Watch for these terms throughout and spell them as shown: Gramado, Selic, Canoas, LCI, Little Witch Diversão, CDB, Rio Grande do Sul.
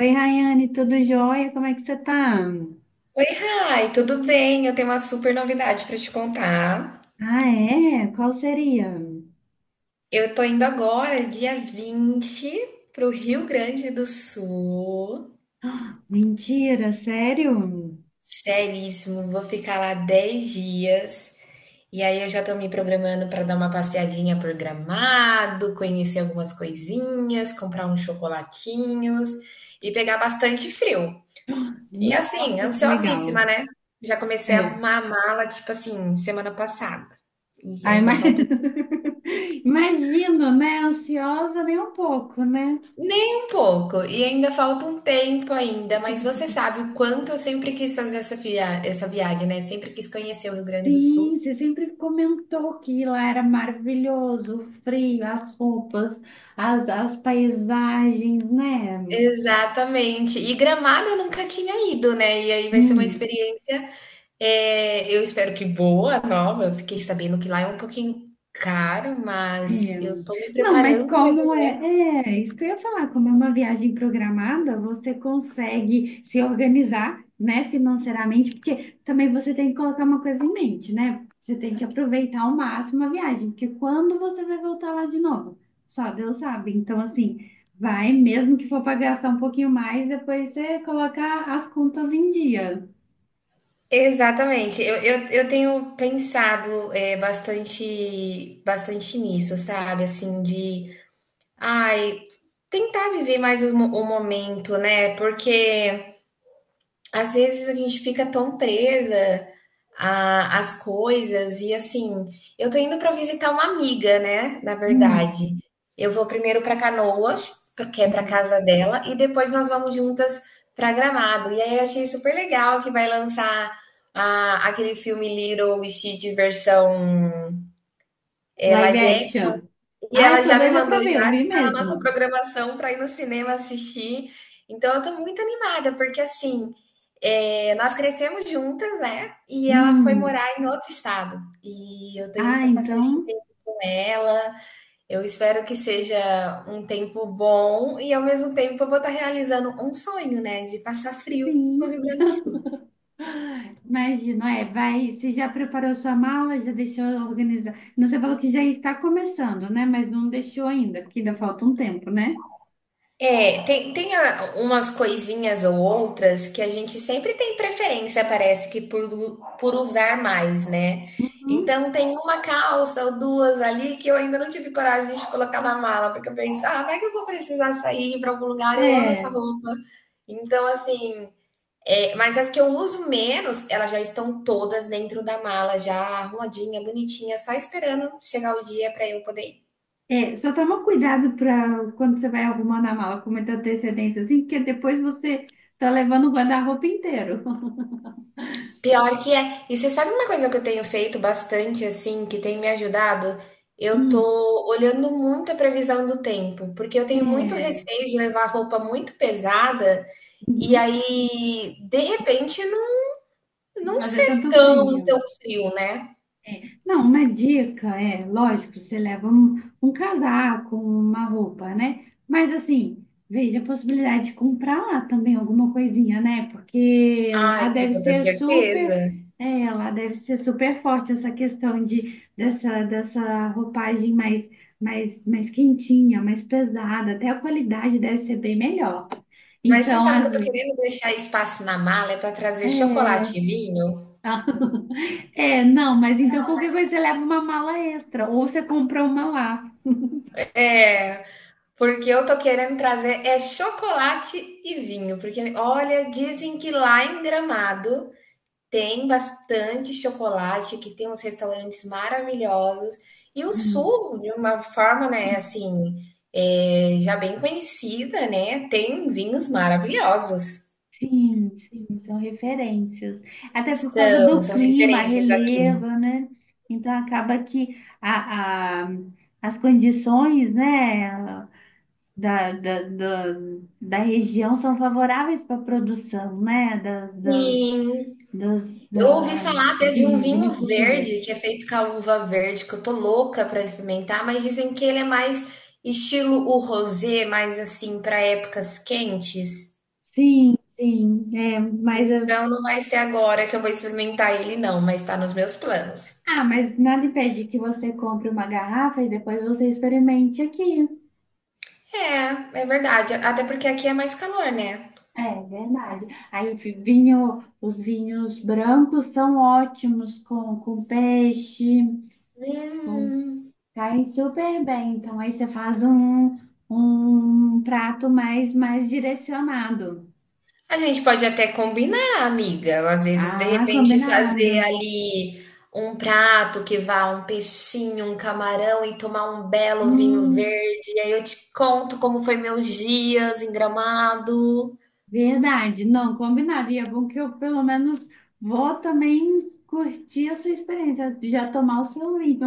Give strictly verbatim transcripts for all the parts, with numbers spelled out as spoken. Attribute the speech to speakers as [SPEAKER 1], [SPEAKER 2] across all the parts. [SPEAKER 1] Oi, Rayane, tudo jóia? Como é que você tá?
[SPEAKER 2] Oi, Rai, tudo bem? Eu tenho uma super novidade para te contar.
[SPEAKER 1] Ah, é? Qual seria?
[SPEAKER 2] Eu tô indo agora, dia vinte, pro Rio Grande do Sul.
[SPEAKER 1] Mentira, sério?
[SPEAKER 2] Seríssimo, vou ficar lá dez dias. E aí eu já tô me programando para dar uma passeadinha por Gramado, conhecer algumas coisinhas, comprar uns chocolatinhos e pegar bastante frio. E assim,
[SPEAKER 1] Nossa, que legal.
[SPEAKER 2] ansiosíssima, né? Já comecei a
[SPEAKER 1] É.
[SPEAKER 2] arrumar a mala, tipo assim, semana passada. E
[SPEAKER 1] Ai,
[SPEAKER 2] ainda
[SPEAKER 1] mas...
[SPEAKER 2] falta um.
[SPEAKER 1] Imagino, né? Ansiosa nem um pouco, né?
[SPEAKER 2] Nem um pouco, e ainda falta um tempo ainda, mas você sabe o quanto eu sempre quis fazer essa via essa viagem, né, sempre quis conhecer o Rio Grande do Sul.
[SPEAKER 1] Sim, você sempre comentou que lá era maravilhoso, o frio, as roupas, as, as paisagens, né?
[SPEAKER 2] Exatamente. E Gramado eu nunca tinha ido, né, e aí vai ser uma
[SPEAKER 1] Hum.
[SPEAKER 2] experiência, eh, eu espero que boa, nova. Eu fiquei sabendo que lá é um pouquinho caro, mas
[SPEAKER 1] É.
[SPEAKER 2] eu tô me
[SPEAKER 1] Não, mas
[SPEAKER 2] preparando mais
[SPEAKER 1] como
[SPEAKER 2] ou menos.
[SPEAKER 1] é, é isso que eu ia falar, como é uma viagem programada, você consegue se organizar, né, financeiramente, porque também você tem que colocar uma coisa em mente, né? Você tem que aproveitar ao máximo a viagem, porque quando você vai voltar lá de novo? Só Deus sabe. Então, assim, vai, mesmo que for para gastar um pouquinho mais, depois você coloca as contas em dia.
[SPEAKER 2] Exatamente, eu eu eu tenho pensado, eh, bastante bastante nisso, sabe, assim, de Ai, tentar viver mais os mo o momento, né, porque às vezes a gente fica tão presa a às coisas e, assim, eu tô indo para visitar uma amiga, né, na
[SPEAKER 1] Hum.
[SPEAKER 2] verdade. Eu vou primeiro para Canoas, porque é para casa dela, e depois nós vamos juntas para Gramado. E aí eu achei super legal que vai lançar a aquele filme Little Witch Diversão, eh,
[SPEAKER 1] Live
[SPEAKER 2] live action.
[SPEAKER 1] action.
[SPEAKER 2] E
[SPEAKER 1] Ah, eu
[SPEAKER 2] ela
[SPEAKER 1] tô
[SPEAKER 2] já me
[SPEAKER 1] doida
[SPEAKER 2] mandou
[SPEAKER 1] pra ver, eu
[SPEAKER 2] já
[SPEAKER 1] vi
[SPEAKER 2] que tá na nossa
[SPEAKER 1] mesmo.
[SPEAKER 2] programação para ir no cinema assistir. Então eu tô muito animada, porque assim, é, nós crescemos juntas, né? E ela foi
[SPEAKER 1] Hum.
[SPEAKER 2] morar em outro estado. E eu tô indo
[SPEAKER 1] Ah,
[SPEAKER 2] para passar esse
[SPEAKER 1] então.
[SPEAKER 2] tempo com ela. Eu espero que seja um tempo bom e, ao mesmo tempo, eu vou estar realizando um sonho, né, de passar frio no Rio
[SPEAKER 1] Sim,
[SPEAKER 2] Grande do Sul.
[SPEAKER 1] imagino, é, vai, você já preparou sua mala, já deixou organizada. Você falou que já está começando, né? Mas não deixou ainda, porque ainda falta um tempo, né?
[SPEAKER 2] É, tem, tem a- umas coisinhas ou outras que a gente sempre tem preferência, parece que por, lu- por usar mais, né?
[SPEAKER 1] Uhum.
[SPEAKER 2] Então tem uma calça ou duas ali que eu ainda não tive coragem de colocar na mala, porque eu penso, ah, vai que eu vou precisar sair para algum lugar, eu amo essa
[SPEAKER 1] É,
[SPEAKER 2] roupa. Então, assim, é, mas as que eu uso menos, elas já estão todas dentro da mala, já arrumadinha, bonitinha, só esperando chegar o dia para eu poder ir.
[SPEAKER 1] é, só toma cuidado para quando você vai arrumando a mala com muita antecedência, assim, porque depois você tá levando o guarda-roupa inteiro.
[SPEAKER 2] Pior que é. E você sabe uma coisa que eu tenho feito bastante, assim, que tem me ajudado? Eu
[SPEAKER 1] Hum,
[SPEAKER 2] tô olhando muito a previsão do tempo, porque eu tenho muito
[SPEAKER 1] é,
[SPEAKER 2] receio de levar roupa muito pesada e
[SPEAKER 1] uhum,
[SPEAKER 2] aí, de repente, não, não
[SPEAKER 1] fazer
[SPEAKER 2] ser
[SPEAKER 1] tanto
[SPEAKER 2] tão, tão
[SPEAKER 1] frio.
[SPEAKER 2] frio, né?
[SPEAKER 1] Não, uma dica é, lógico, você leva um, um casaco, uma roupa, né? Mas assim, veja a possibilidade de comprar lá também alguma coisinha, né? Porque
[SPEAKER 2] Ai,
[SPEAKER 1] lá
[SPEAKER 2] com
[SPEAKER 1] deve
[SPEAKER 2] toda
[SPEAKER 1] ser
[SPEAKER 2] certeza.
[SPEAKER 1] super, é, lá deve ser super forte essa questão de dessa, dessa roupagem mais, mais, mais quentinha, mais pesada, até a qualidade deve ser bem melhor.
[SPEAKER 2] Mas você
[SPEAKER 1] Então,
[SPEAKER 2] sabe que eu
[SPEAKER 1] às,
[SPEAKER 2] tô querendo deixar espaço na mala é para trazer
[SPEAKER 1] é,
[SPEAKER 2] chocolate e vinho?
[SPEAKER 1] É, não, mas então qualquer coisa você leva uma mala extra ou você compra uma lá.
[SPEAKER 2] É, porque eu tô querendo trazer é chocolate e vinho, porque olha, dizem que lá em Gramado tem bastante chocolate, que tem uns restaurantes maravilhosos, e o
[SPEAKER 1] Hum,
[SPEAKER 2] sul, de uma forma, né, assim, é, já bem conhecida, né, tem vinhos maravilhosos.
[SPEAKER 1] Sim, sim, são referências. Até por causa
[SPEAKER 2] São,
[SPEAKER 1] do
[SPEAKER 2] são
[SPEAKER 1] clima,
[SPEAKER 2] referências aqui.
[SPEAKER 1] relevo, né? Então acaba que a, a- as condições, né, da, da, da, da região são favoráveis para a produção, né, das, da,
[SPEAKER 2] Sim,
[SPEAKER 1] das,
[SPEAKER 2] eu ouvi
[SPEAKER 1] da
[SPEAKER 2] falar até de um
[SPEAKER 1] vi-
[SPEAKER 2] vinho
[SPEAKER 1] vinicultura.
[SPEAKER 2] verde, que é feito com a uva verde, que eu tô louca pra experimentar, mas dizem que ele é mais estilo o rosé, mais assim, pra épocas quentes.
[SPEAKER 1] Sim, sim, é, mas
[SPEAKER 2] Então não vai ser agora que eu vou experimentar ele, não, mas tá nos meus planos.
[SPEAKER 1] ah, mas nada impede que você compre uma garrafa e depois você experimente aqui.
[SPEAKER 2] É, é verdade. Até porque aqui é mais calor, né?
[SPEAKER 1] É verdade. Aí fi- vinho, os vinhos brancos são ótimos com, com peixe, com,
[SPEAKER 2] Hum.
[SPEAKER 1] caem super bem. Então aí você faz um, um prato mais, mais direcionado.
[SPEAKER 2] A gente pode até combinar, amiga. Às vezes, de
[SPEAKER 1] Ah,
[SPEAKER 2] repente, fazer
[SPEAKER 1] combinado.
[SPEAKER 2] ali um prato que vá um peixinho, um camarão e tomar um belo vinho
[SPEAKER 1] Hum,
[SPEAKER 2] verde. E aí eu te conto como foi meus dias em Gramado.
[SPEAKER 1] verdade. Não, combinado. E é bom que eu pelo menos vou também curtir a sua experiência, já tomar o seu vinho.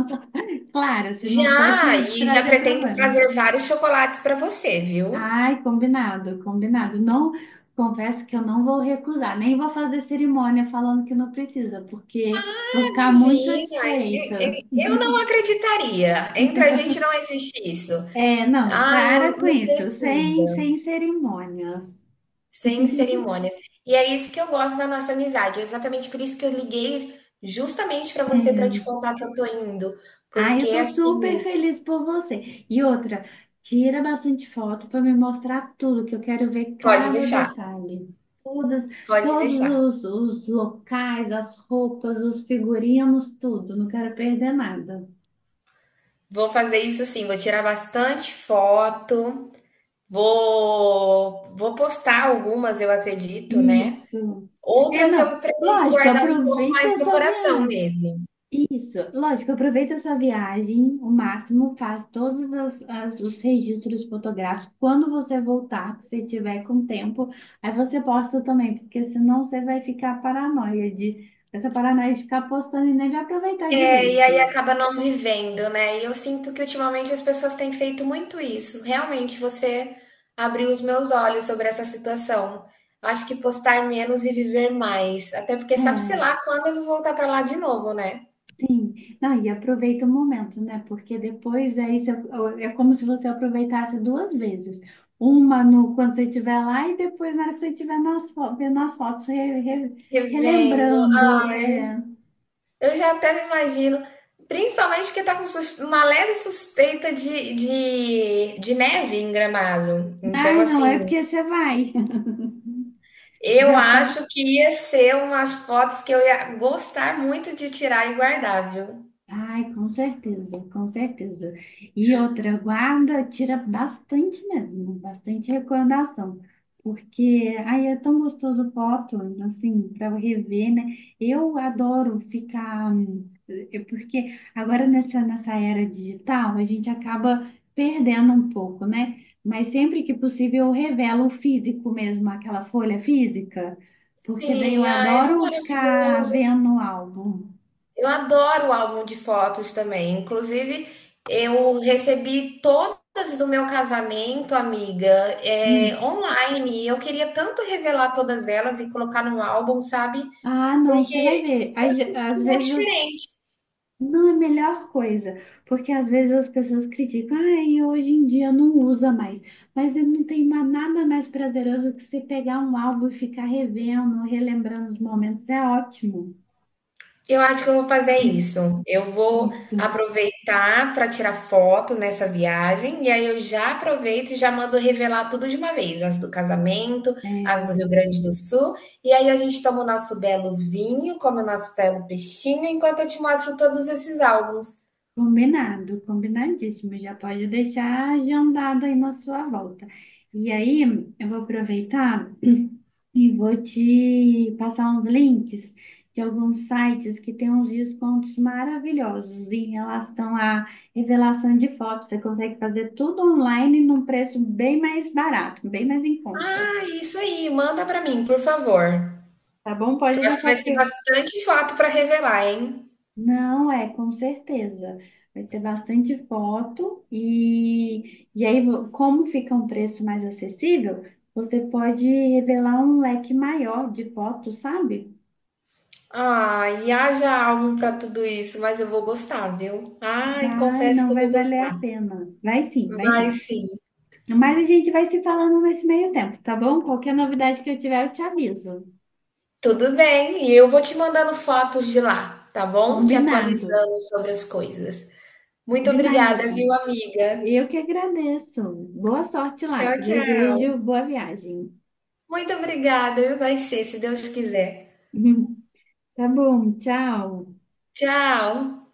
[SPEAKER 1] Claro, se não for
[SPEAKER 2] Já,
[SPEAKER 1] te
[SPEAKER 2] e já
[SPEAKER 1] trazer
[SPEAKER 2] pretendo
[SPEAKER 1] problema.
[SPEAKER 2] trazer vários chocolates para você, viu?
[SPEAKER 1] Ai, combinado, combinado. Não, confesso que eu não vou recusar, nem vou fazer cerimônia falando que não precisa, porque vou
[SPEAKER 2] Ah,
[SPEAKER 1] ficar muito
[SPEAKER 2] imagina. e- e-
[SPEAKER 1] satisfeita.
[SPEAKER 2] Eu não acreditaria. Entre a gente não existe isso.
[SPEAKER 1] É, não,
[SPEAKER 2] Ah, eu
[SPEAKER 1] para com
[SPEAKER 2] não
[SPEAKER 1] isso, sem,
[SPEAKER 2] preciso.
[SPEAKER 1] sem cerimônias.
[SPEAKER 2] Sem cerimônias. E é isso que eu gosto da nossa amizade. É exatamente por isso que eu liguei justamente para você para
[SPEAKER 1] É,
[SPEAKER 2] te contar que eu tô indo,
[SPEAKER 1] ah,
[SPEAKER 2] porque
[SPEAKER 1] eu tô super
[SPEAKER 2] assim,
[SPEAKER 1] feliz por você. E outra, tira bastante foto para me mostrar tudo, que eu quero ver
[SPEAKER 2] pode
[SPEAKER 1] cada
[SPEAKER 2] deixar,
[SPEAKER 1] detalhe. Todas,
[SPEAKER 2] pode
[SPEAKER 1] todos
[SPEAKER 2] deixar.
[SPEAKER 1] os, os locais, as roupas, os figurinos, tudo. Não quero perder nada.
[SPEAKER 2] Vou fazer isso sim, vou tirar bastante foto, vou vou postar algumas, eu acredito, né?
[SPEAKER 1] Isso. É,
[SPEAKER 2] Outras eu
[SPEAKER 1] não.
[SPEAKER 2] pretendo
[SPEAKER 1] Lógico,
[SPEAKER 2] guardar um pouco
[SPEAKER 1] aproveita
[SPEAKER 2] mais
[SPEAKER 1] a
[SPEAKER 2] no
[SPEAKER 1] sua
[SPEAKER 2] coração
[SPEAKER 1] viagem.
[SPEAKER 2] mesmo.
[SPEAKER 1] Isso, lógico, aproveita a sua viagem o máximo, faz todos as, as- os registros fotográficos. Quando você voltar, se você tiver com tempo, aí você posta também, porque senão você vai ficar paranoia de essa paranoia de ficar postando e nem vai aproveitar
[SPEAKER 2] É, e aí
[SPEAKER 1] direito.
[SPEAKER 2] acaba não vivendo, né? E eu sinto que ultimamente as pessoas têm feito muito isso. Realmente, você abriu os meus olhos sobre essa situação. Acho que postar menos e viver mais. Até porque sabe-se
[SPEAKER 1] É.
[SPEAKER 2] lá quando eu vou voltar pra lá de novo, né?
[SPEAKER 1] Sim, não, e aproveita o momento, né? Porque depois é isso, é como se você aproveitasse duas vezes. Uma no, quando você estiver lá e depois na hora que você estiver nas, fo- vendo as fotos, re- re-
[SPEAKER 2] Revendo.
[SPEAKER 1] relembrando.
[SPEAKER 2] Ai,
[SPEAKER 1] É...
[SPEAKER 2] eu já até me imagino. Principalmente porque tá com sus- uma leve suspeita de, de, de neve em Gramado. Então,
[SPEAKER 1] Ai, não, é
[SPEAKER 2] assim,
[SPEAKER 1] porque você vai,
[SPEAKER 2] eu
[SPEAKER 1] já tá.
[SPEAKER 2] acho que ia ser umas fotos que eu ia gostar muito de tirar e guardar, viu.
[SPEAKER 1] Ai, com certeza, com certeza. E outra, guarda, tira bastante mesmo, bastante recordação. Porque aí é tão gostoso foto, assim, para rever, né? Eu adoro ficar. hum, é, porque agora nessa, nessa era digital, a gente acaba perdendo um pouco, né? Mas sempre que possível eu revelo o físico mesmo, aquela folha física, porque daí eu
[SPEAKER 2] Sim, ah, é tão
[SPEAKER 1] adoro ficar
[SPEAKER 2] maravilhoso.
[SPEAKER 1] vendo o álbum.
[SPEAKER 2] Eu adoro o álbum de fotos também, inclusive eu recebi todas do meu casamento, amiga, eh, online, e eu queria tanto revelar todas elas e colocar num álbum, sabe,
[SPEAKER 1] Ah, não, você vai
[SPEAKER 2] porque
[SPEAKER 1] ver.
[SPEAKER 2] eu
[SPEAKER 1] Às,
[SPEAKER 2] sinto que
[SPEAKER 1] às
[SPEAKER 2] é
[SPEAKER 1] vezes as-
[SPEAKER 2] diferente.
[SPEAKER 1] não é a melhor coisa, porque às vezes as pessoas criticam, ah, e hoje em dia não usa mais. Mas não tem ma- nada mais prazeroso que você pegar um álbum e ficar revendo, relembrando os momentos. É ótimo.
[SPEAKER 2] Eu acho que eu vou fazer isso. Eu vou
[SPEAKER 1] Isso.
[SPEAKER 2] aproveitar para tirar foto nessa viagem, e aí eu já aproveito e já mando revelar tudo de uma vez, as do casamento, as do Rio
[SPEAKER 1] É,
[SPEAKER 2] Grande do Sul, e aí a gente toma o nosso belo vinho, come o nosso belo peixinho, enquanto eu te mostro todos esses álbuns.
[SPEAKER 1] combinado, combinadíssimo. Já pode deixar agendado aí na sua volta. E aí, eu vou aproveitar. E vou te passar uns links de alguns sites que têm uns descontos maravilhosos em relação à revelação de fotos. Você consegue fazer tudo online num preço bem mais barato, bem mais em conta.
[SPEAKER 2] Ah, isso aí, manda para mim, por favor.
[SPEAKER 1] Tá bom?
[SPEAKER 2] Que
[SPEAKER 1] Pode
[SPEAKER 2] eu acho que
[SPEAKER 1] deixar
[SPEAKER 2] vai
[SPEAKER 1] aqui.
[SPEAKER 2] ser bastante foto para revelar, hein?
[SPEAKER 1] Não, é, com certeza. Vai ter bastante foto e, e aí, vo- como fica um preço mais acessível, você pode revelar um leque maior de fotos, sabe?
[SPEAKER 2] Ai, haja álbum para tudo isso, mas eu vou gostar, viu? Ai,
[SPEAKER 1] Vai,
[SPEAKER 2] confesso
[SPEAKER 1] não
[SPEAKER 2] que eu
[SPEAKER 1] vai
[SPEAKER 2] vou
[SPEAKER 1] valer a
[SPEAKER 2] gostar.
[SPEAKER 1] pena. Vai sim, vai sim.
[SPEAKER 2] Vai sim,
[SPEAKER 1] Mas a gente vai se falando nesse meio tempo, tá bom? Qualquer novidade que eu tiver, eu te aviso.
[SPEAKER 2] tudo bem. E eu vou te mandando fotos de lá, tá bom? Te
[SPEAKER 1] Combinado.
[SPEAKER 2] atualizando sobre as coisas. Muito obrigada, viu,
[SPEAKER 1] Combinadíssimo.
[SPEAKER 2] amiga?
[SPEAKER 1] Eu que agradeço. Boa sorte lá.
[SPEAKER 2] Tchau,
[SPEAKER 1] Te
[SPEAKER 2] tchau.
[SPEAKER 1] desejo boa viagem.
[SPEAKER 2] Muito obrigada, vai ser, se Deus quiser.
[SPEAKER 1] Tá bom, tchau.
[SPEAKER 2] Tchau.